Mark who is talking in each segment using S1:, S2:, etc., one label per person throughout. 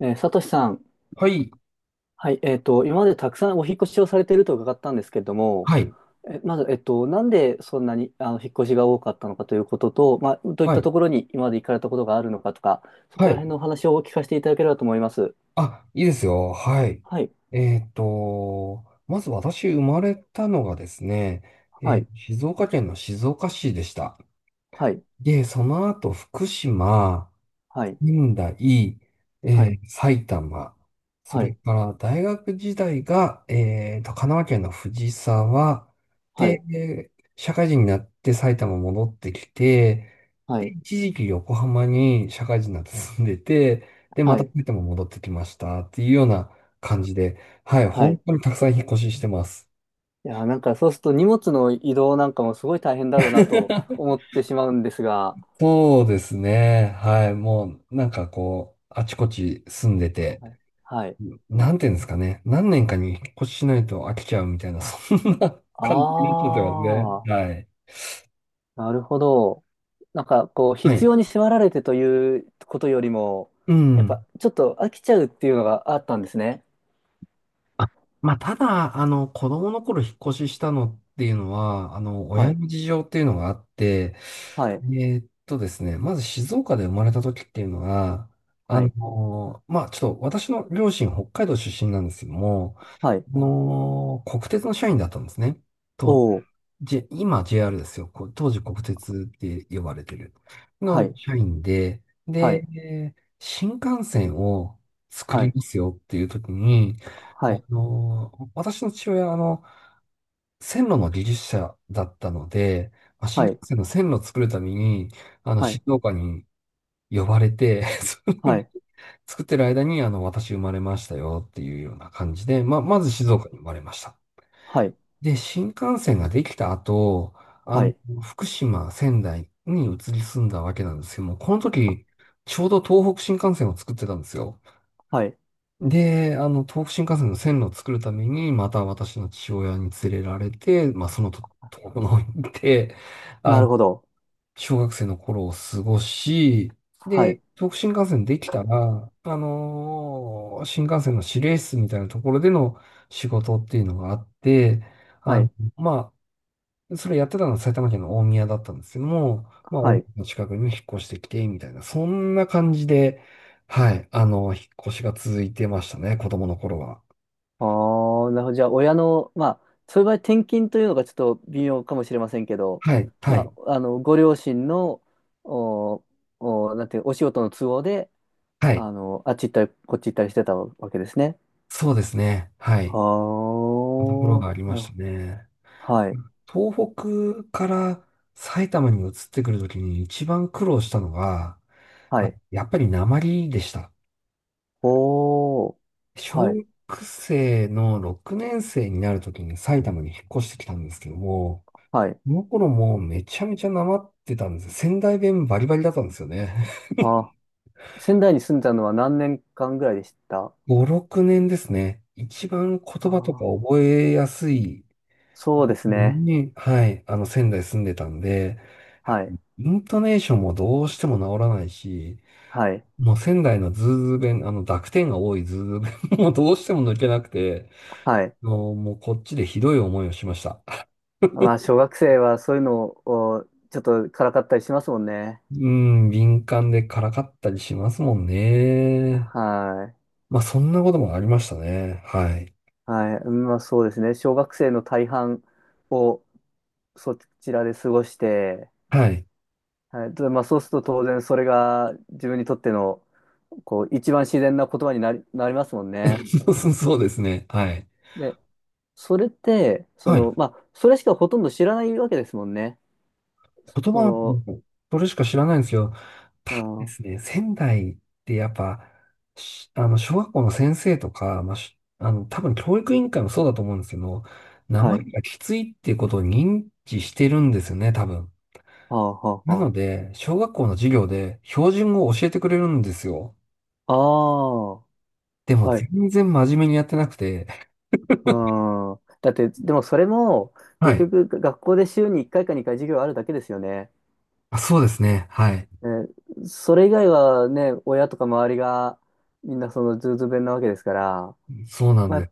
S1: サトシさん、
S2: はい。
S1: はい、今までたくさんお引っ越しをされていると伺ったんですけれども、
S2: はい。
S1: まず、なんでそんなに引っ越しが多かったのかということと、まあ、どういっ
S2: は
S1: た
S2: い。
S1: ところに今まで行かれたことがあるのかとか、そ
S2: は
S1: こら
S2: い。
S1: 辺のお話をお聞かせていただければと思います。
S2: あ、いいですよ。はい。
S1: はい、
S2: まず私生まれたのがですね、
S1: はい、
S2: 静岡県の静岡市でした。
S1: はい、
S2: で、その後福島、
S1: はい、
S2: 仙台、
S1: はい、
S2: 埼玉、そ
S1: は
S2: れ
S1: い、
S2: から大学時代が、神奈川県の藤沢
S1: は
S2: で、
S1: い、
S2: 社会人になって埼玉戻ってきて、
S1: は
S2: で、
S1: い、
S2: 一時期横浜に社会人になって住んでて、で、ま
S1: は
S2: た
S1: い、
S2: 埼玉戻ってきましたっていうような感じで、はい、
S1: は
S2: 本
S1: い。
S2: 当にたくさん引っ越ししてます。
S1: いやー、なんかそうすると荷物の移動なんかもすごい大変だろうなと 思ってしまうんですが、
S2: そうですね。はい。もう、なんかこう、あちこち住んでて、
S1: はい。はい
S2: なんていうんですかね。何年かに引っ越ししないと飽きちゃうみたいな、そんな感じになっちゃ
S1: あ
S2: ってますね。
S1: あ。
S2: はい。
S1: なるほど。なんか、こう、
S2: は
S1: 必
S2: い。
S1: 要に迫られてということよりも、
S2: う
S1: やっ
S2: ん。
S1: ぱ、ちょっと飽きちゃうっていうのがあったんですね。
S2: あ、まあ、ただ、子供の頃引っ越ししたのっていうのは、
S1: は
S2: 親
S1: い。
S2: の事情っていうのがあって、
S1: はい。
S2: ですね、まず静岡で生まれた時っていうのが、
S1: はい。
S2: まあ、ちょっと私の両親北海道出身なんですけども、
S1: はい。
S2: 国鉄の社員だったんですね。と
S1: おー。
S2: 今 JR ですよ。こう当時国鉄って呼ばれてる。
S1: は
S2: の
S1: い。
S2: 社員で、
S1: はい。
S2: で、新幹線を作
S1: は
S2: り
S1: い。
S2: ますよっていう時に、
S1: はい。
S2: 私の父親は、線路の技術者だったので、まあ、新
S1: は
S2: 幹
S1: い。
S2: 線の線路を作るために、
S1: はい。
S2: 静岡に呼ばれて、それ
S1: は
S2: で
S1: い。
S2: 作ってる間に、私生まれましたよっていうような感じで、まあ、まず静岡に生まれました。
S1: はい。はい。
S2: で、新幹線ができた後、あ
S1: は
S2: の、
S1: い。
S2: 福島、仙台に移り住んだわけなんですけども、この時、ちょうど東北新幹線を作ってたんですよ。
S1: はい
S2: で、東北新幹線の線路を作るために、また私の父親に連れられて、まあ、そのと、東北の方に行って、
S1: な
S2: あ
S1: る
S2: の、
S1: ほど。
S2: 小学生の頃を過ごし、
S1: は
S2: で、
S1: い。
S2: 東北新幹線できたら、新幹線の指令室みたいなところでの仕事っていうのがあって、あ
S1: は
S2: の、
S1: い。
S2: まあ、それやってたのは埼玉県の大宮だったんですけども、まあ、大
S1: は
S2: 宮
S1: い。
S2: の近くにも引っ越してきて、みたいな、そんな感じで、はい、引っ越しが続いてましたね、子供の頃は。
S1: ああ、なるほど。じゃあ、親の、まあ、そういう場合、転勤というのがちょっと微妙かもしれませんけど、
S2: はい、はい、
S1: まあ、ご両親の、お、なんていう、お仕事の都合で、
S2: はい。
S1: あっち行ったり、こっち行ったりしてたわけですね。
S2: そうですね。はい。ところが
S1: は
S2: あり
S1: あ、
S2: ましたね。
S1: はい、
S2: 東北から埼玉に移ってくるときに一番苦労したのが、
S1: はい。
S2: やっぱり訛りでした。
S1: おー、は
S2: 小
S1: い、
S2: 学生の6年生になるときに埼玉に引っ越してきたんですけども、
S1: はい。
S2: その頃もうめちゃめちゃなまってたんです。仙台弁バリバリだったんですよね。
S1: あ、仙台に住んでたのは何年間ぐらいでしたあ
S2: 5、6年ですね。一番言葉とか
S1: ー？
S2: 覚えやすい
S1: そうです
S2: の
S1: ね。
S2: に、はい、仙台住んでたんで、やっぱ
S1: はい、
S2: イントネーションもどうしても治らないし、
S1: はい、
S2: もう仙台のズーズー弁、濁点が多いズーズー弁 もうどうしても抜けなくて、
S1: はい。
S2: もうこっちでひどい思いをしました。
S1: まあ、小学生はそういうのをちょっとからかったりしますもんね。
S2: うん、敏感でからかったりしますもんね。
S1: は
S2: まあそんなこともありましたね。はい。
S1: い。はい。まあ、そうですね。小学生の大半をそちらで過ごして、
S2: はい。
S1: はい。でまあ、そうすると当然それが自分にとっての、こう、一番自然な言葉になりますもんね。
S2: そうですね。はい。
S1: で、それって、
S2: はい。
S1: まあ、それしかほとんど知らないわけですもんね。
S2: 言葉、
S1: そ
S2: それしか知らないんですけど、ただで
S1: うん、
S2: すね、仙台ってやっぱ、小学校の先生とか、まあ、多分教育委員会もそうだと思うんですけど、名
S1: は
S2: 前
S1: い。
S2: がきついっていうことを認知してるんですよね、多分。
S1: はあ、はあ、
S2: なの
S1: は
S2: で、小学校の授業で標準語を教えてくれるんですよ。
S1: あ。ああ、
S2: でも
S1: はい。
S2: 全然真面目にやってなくて、
S1: うん。だって、でもそれも、
S2: は
S1: 結
S2: い。
S1: 局、学校で週に1回か2回授業あるだけですよね。
S2: あ、そうですね。はい。
S1: ね、それ以外はね、親とか周りが、みんなそのズーズー弁なわけですから、
S2: そうなん
S1: ま
S2: で
S1: あ、
S2: す。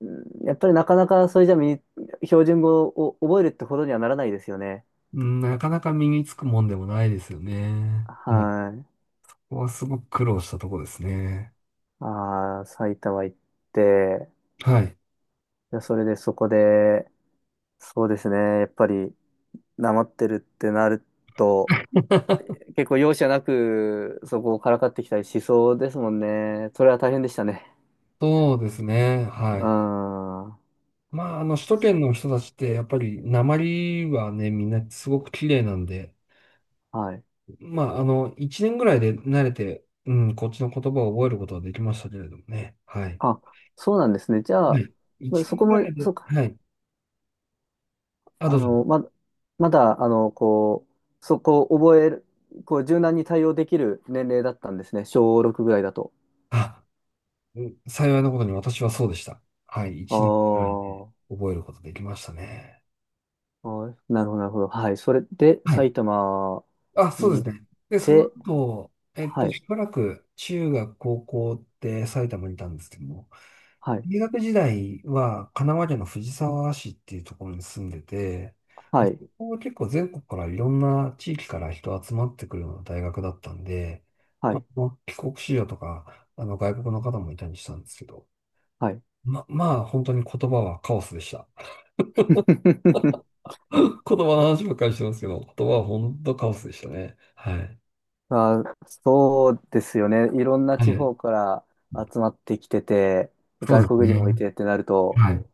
S1: うんやっぱりなかなかそれじゃ標準語を覚えるってほどにはならないですよね。
S2: なかなか身につくもんでもないですよね。はい。
S1: はい。
S2: ここはすごく苦労したとこですね。
S1: ああ、埼玉行って、
S2: はい。
S1: いやそれでそこで、そうですね、やっぱり、なまってるってなると、結構容赦なくそこをからかってきたりしそうですもんね。それは大変でしたね。
S2: そうですね。
S1: うー
S2: は
S1: ん。
S2: い。
S1: は
S2: まあ、首都圏の人たちって、やっぱり、鉛はね、みんなすごく綺麗なんで、
S1: い。
S2: まあ、一年ぐらいで慣れて、うん、こっちの言葉を覚えることはできましたけれどもね。はい。
S1: あ、そうなんですね。じゃ
S2: は
S1: あ、
S2: い一
S1: そ
S2: 年
S1: こ
S2: ぐら
S1: も、
S2: いで、
S1: そうか。
S2: はい。あ、
S1: あ
S2: どうぞ。
S1: の、ま、まだ、こう、そこを覚える、こう、柔軟に対応できる年齢だったんですね。小6ぐらいだと。
S2: あ、うん幸いなことに私はそうでした。はい。
S1: あ
S2: 一年うんぐらいで
S1: ー
S2: 覚えることできましたね。
S1: あー、なるほど、なるほど。はい。それで、
S2: はい
S1: 埼玉
S2: あ、そうで
S1: に行っ
S2: すね。で、その
S1: て、
S2: 後、
S1: はい、
S2: しばらく中学、高校って埼玉にいたんですけども、
S1: はい、
S2: 大学時代は神奈川県の藤沢市っていうところに住んでて、
S1: はい、
S2: そこは結構全国からいろんな地域から人集まってくるような大学だったんで、
S1: は
S2: まあ、
S1: い、
S2: 帰国子女とか、外国の方もいたりしたんですけど、
S1: はい。
S2: まあ本当に言葉はカオスでした。言葉の話ばっかりしてますけど、言葉は本当カオスでしたね。はい。
S1: まあ、そうですよね。いろんな
S2: は
S1: 地
S2: い。
S1: 方から集まってきてて、
S2: そう
S1: 外
S2: です
S1: 国人
S2: ね。
S1: もいてってなると、
S2: はい。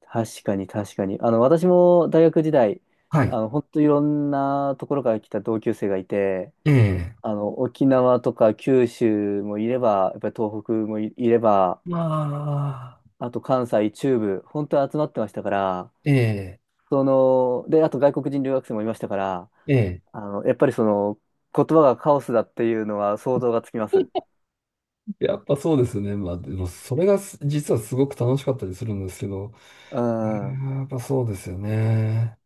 S1: 確かに確かに。私も大学時代、
S2: はい。
S1: 本当いろんなところから来た同級生がいて、
S2: ええ。
S1: 沖縄とか九州もいれば、やっぱり東北もいれば、
S2: まあ、
S1: あと関西、中部、本当に集まってましたから、
S2: ええ。
S1: で、あと外国人留学生もいましたから、
S2: ええ。
S1: やっぱり言葉がカオスだっていうのは想像がつきます。
S2: やっぱそうですね。まあ、でもそれが実はすごく楽しかったりするんですけど、
S1: う
S2: う
S1: ん。
S2: んやっぱそうですよね。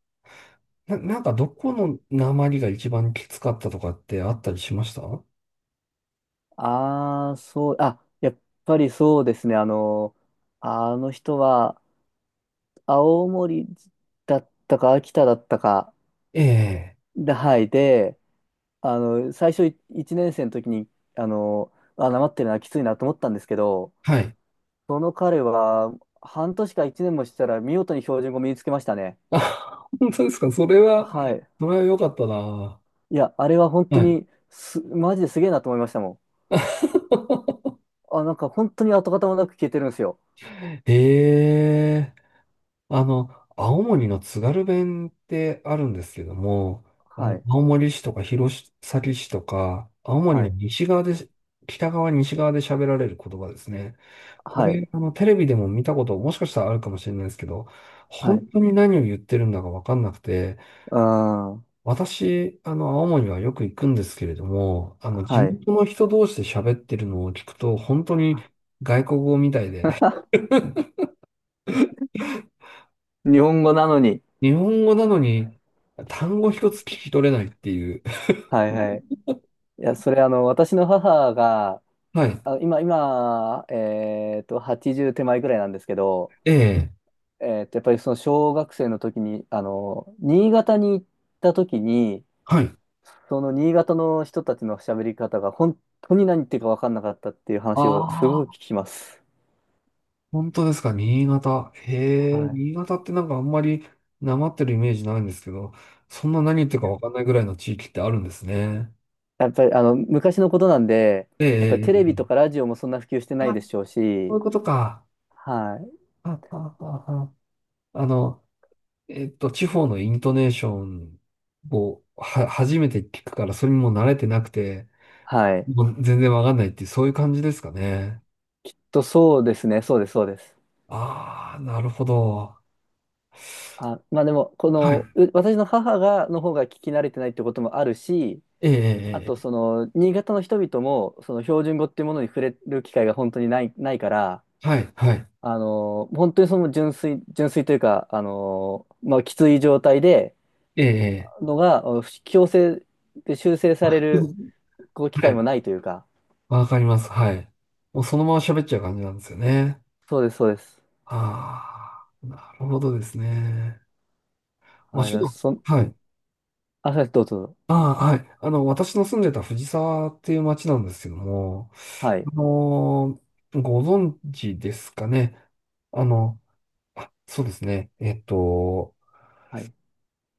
S2: なんかどこの訛りが一番きつかったとかってあったりしました
S1: ああ、そう、あ、やっぱりそうですね。あの人は、青森だったか、秋田だったか、
S2: ええ。
S1: で、はい、で、最初1年生の時に、あの、あ、なまってるな、きついなと思ったんですけど、
S2: はい。
S1: その彼は、半年か1年もしたら、見事に標準語身につけましたね。
S2: あ、本当ですか。それは、
S1: はい。
S2: それは良かったな。
S1: いや、あれは本当
S2: はい。
S1: にマジですげえなと思いましたもん。あ、なんか本当に跡形もなく消えてるんですよ。
S2: ええ。あの、青森の津軽弁ってあるんですけども、
S1: はい、
S2: 青森市とか弘前市とか、青森
S1: は
S2: の
S1: い、
S2: 西側で、北側、西側で喋られる言葉ですね。こ
S1: はい、
S2: れ、テレビでも見たこと、もしかしたらあるかもしれないですけど、
S1: はい。
S2: 本
S1: う
S2: 当に何を言ってるんだかわかんなくて、
S1: ーん。
S2: 私、青森はよく行くんですけれども、地
S1: はい。
S2: 元の人同士で喋ってるのを聞くと、本当に外国語みたいで、
S1: 日本語なのに。
S2: 日本語なのに単語一つ聞き取れないっていう、
S1: はいはい。いや、それ私の母が、
S2: はい。
S1: あ、今、80手前ぐらいなんですけど、
S2: ええ。
S1: やっぱりその小学生の時に、新潟に行った時に、
S2: はい。
S1: その新潟の人たちの喋り方が本当に何言ってるか分かんなかったっていう話をす
S2: あ
S1: ごく
S2: あ、
S1: 聞きます。
S2: 本当ですか、新潟。へえ、
S1: はい。
S2: 新潟ってなんかあんまりなまってるイメージないんですけど、そんな何言ってるか
S1: や
S2: わかんないぐらいの地域ってあるんですね。
S1: やっぱり昔のことなんで、やっぱり
S2: ええ、
S1: テレビと
S2: ええ
S1: かラジオもそんな普及してない
S2: あ、
S1: でしょう
S2: こうい
S1: し、
S2: うことか。
S1: はい。
S2: あ、あ、あ、ああの、地方のイントネーションをは、初めて聞くから、それにもう慣れてなくて、
S1: はい。
S2: もう全然わかんないっていう、そういう感じですかね。
S1: そうですね、そうです、そうです。
S2: ああ、なるほど。
S1: あ、まあでも、こ
S2: はい。
S1: の、う私の母の方が聞き慣れてないってこともあるし、
S2: ええ、
S1: あ
S2: え
S1: と、
S2: ええ
S1: 新潟の人々も、その標準語っていうものに触れる機会が本当にないから、
S2: えはい、はい。
S1: 本当にその純粋、純粋というか、まあ、きつい状態で、
S2: ええ、ええ
S1: のが、強制で修正され
S2: う
S1: る、
S2: ん
S1: こう、機
S2: は
S1: 会も
S2: い。
S1: ないというか、
S2: わかります。はい。もうそのまま喋っちゃう感じなんですよね。
S1: そうです、そうです。
S2: ああ、なるほどですね。まあ、
S1: はい、
S2: ち
S1: だ
S2: ょっと、
S1: そん、
S2: はい。
S1: あ、そうですどうぞ、どうぞ。
S2: ああ、はい。私の住んでた藤沢っていう町なんですけども、
S1: はい、
S2: あのご存知ですかね。あの、あ、そうですね。
S1: はい、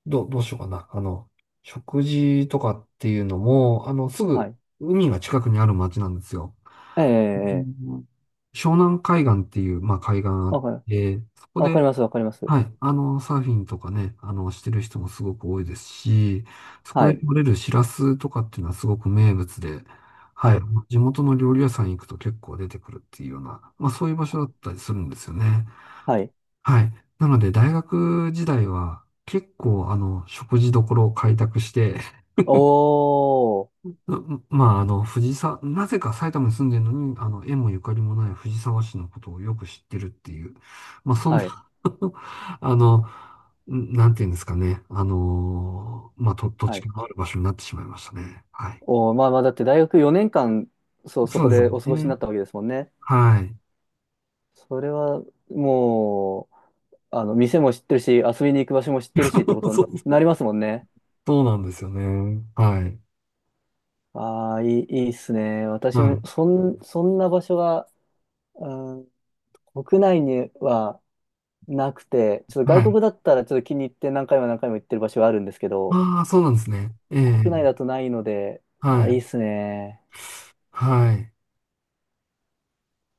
S2: どうしようかな。食事とかっていうのも、す
S1: は
S2: ぐ
S1: い。
S2: 海が近くにある町なんですよ。
S1: えええ
S2: う
S1: えええ
S2: ん湘南海岸っていう、まあ、海岸あっ
S1: わかる、
S2: て、そこ
S1: わ
S2: で、
S1: かります、わかります。
S2: はい、サーフィンとかね、してる人もすごく多いですし、そ
S1: は
S2: こで
S1: い。
S2: 取れるシラスとかっていうのはすごく名物で、
S1: は
S2: はい、
S1: い。
S2: 地元の料理屋さん行くと結構出てくるっていうような、まあ、そういう場所だったりするんですよね。
S1: はい。
S2: はい。なので、大学時代は結構、食事処を開拓して
S1: おー。
S2: まあ、藤沢、なぜか埼玉に住んでるのに、縁もゆかりもない藤沢市のことをよく知ってるっていう、まあ、そん
S1: はい。
S2: な あの、なんていうんですかね、まあ、土
S1: は
S2: 地
S1: い。
S2: がある場所になってしまいましたね。はい。
S1: おー、まあまあ、だって大学4年間、そう、そ
S2: そう
S1: こ
S2: です
S1: で
S2: よ
S1: お過ごしにな
S2: ね。
S1: ったわけですもんね。
S2: はい。
S1: それは、もう、店も知ってるし、遊びに行く場所も知ってるしってこ と
S2: そ
S1: にな
S2: う、
S1: りますもんね。
S2: そうなんですよね。はい。
S1: ああ、いいっすね。私
S2: は
S1: も、
S2: い。
S1: そんな場所が、うん、国内にはなくて、ちょっと外
S2: はい。
S1: 国だったらちょっと気に入って何回も何回も行ってる場所があるんですけど、
S2: ああ、そうなんですね。え
S1: 国内
S2: え
S1: だとないので、い
S2: は
S1: や、いい
S2: い。
S1: っすね。
S2: はい。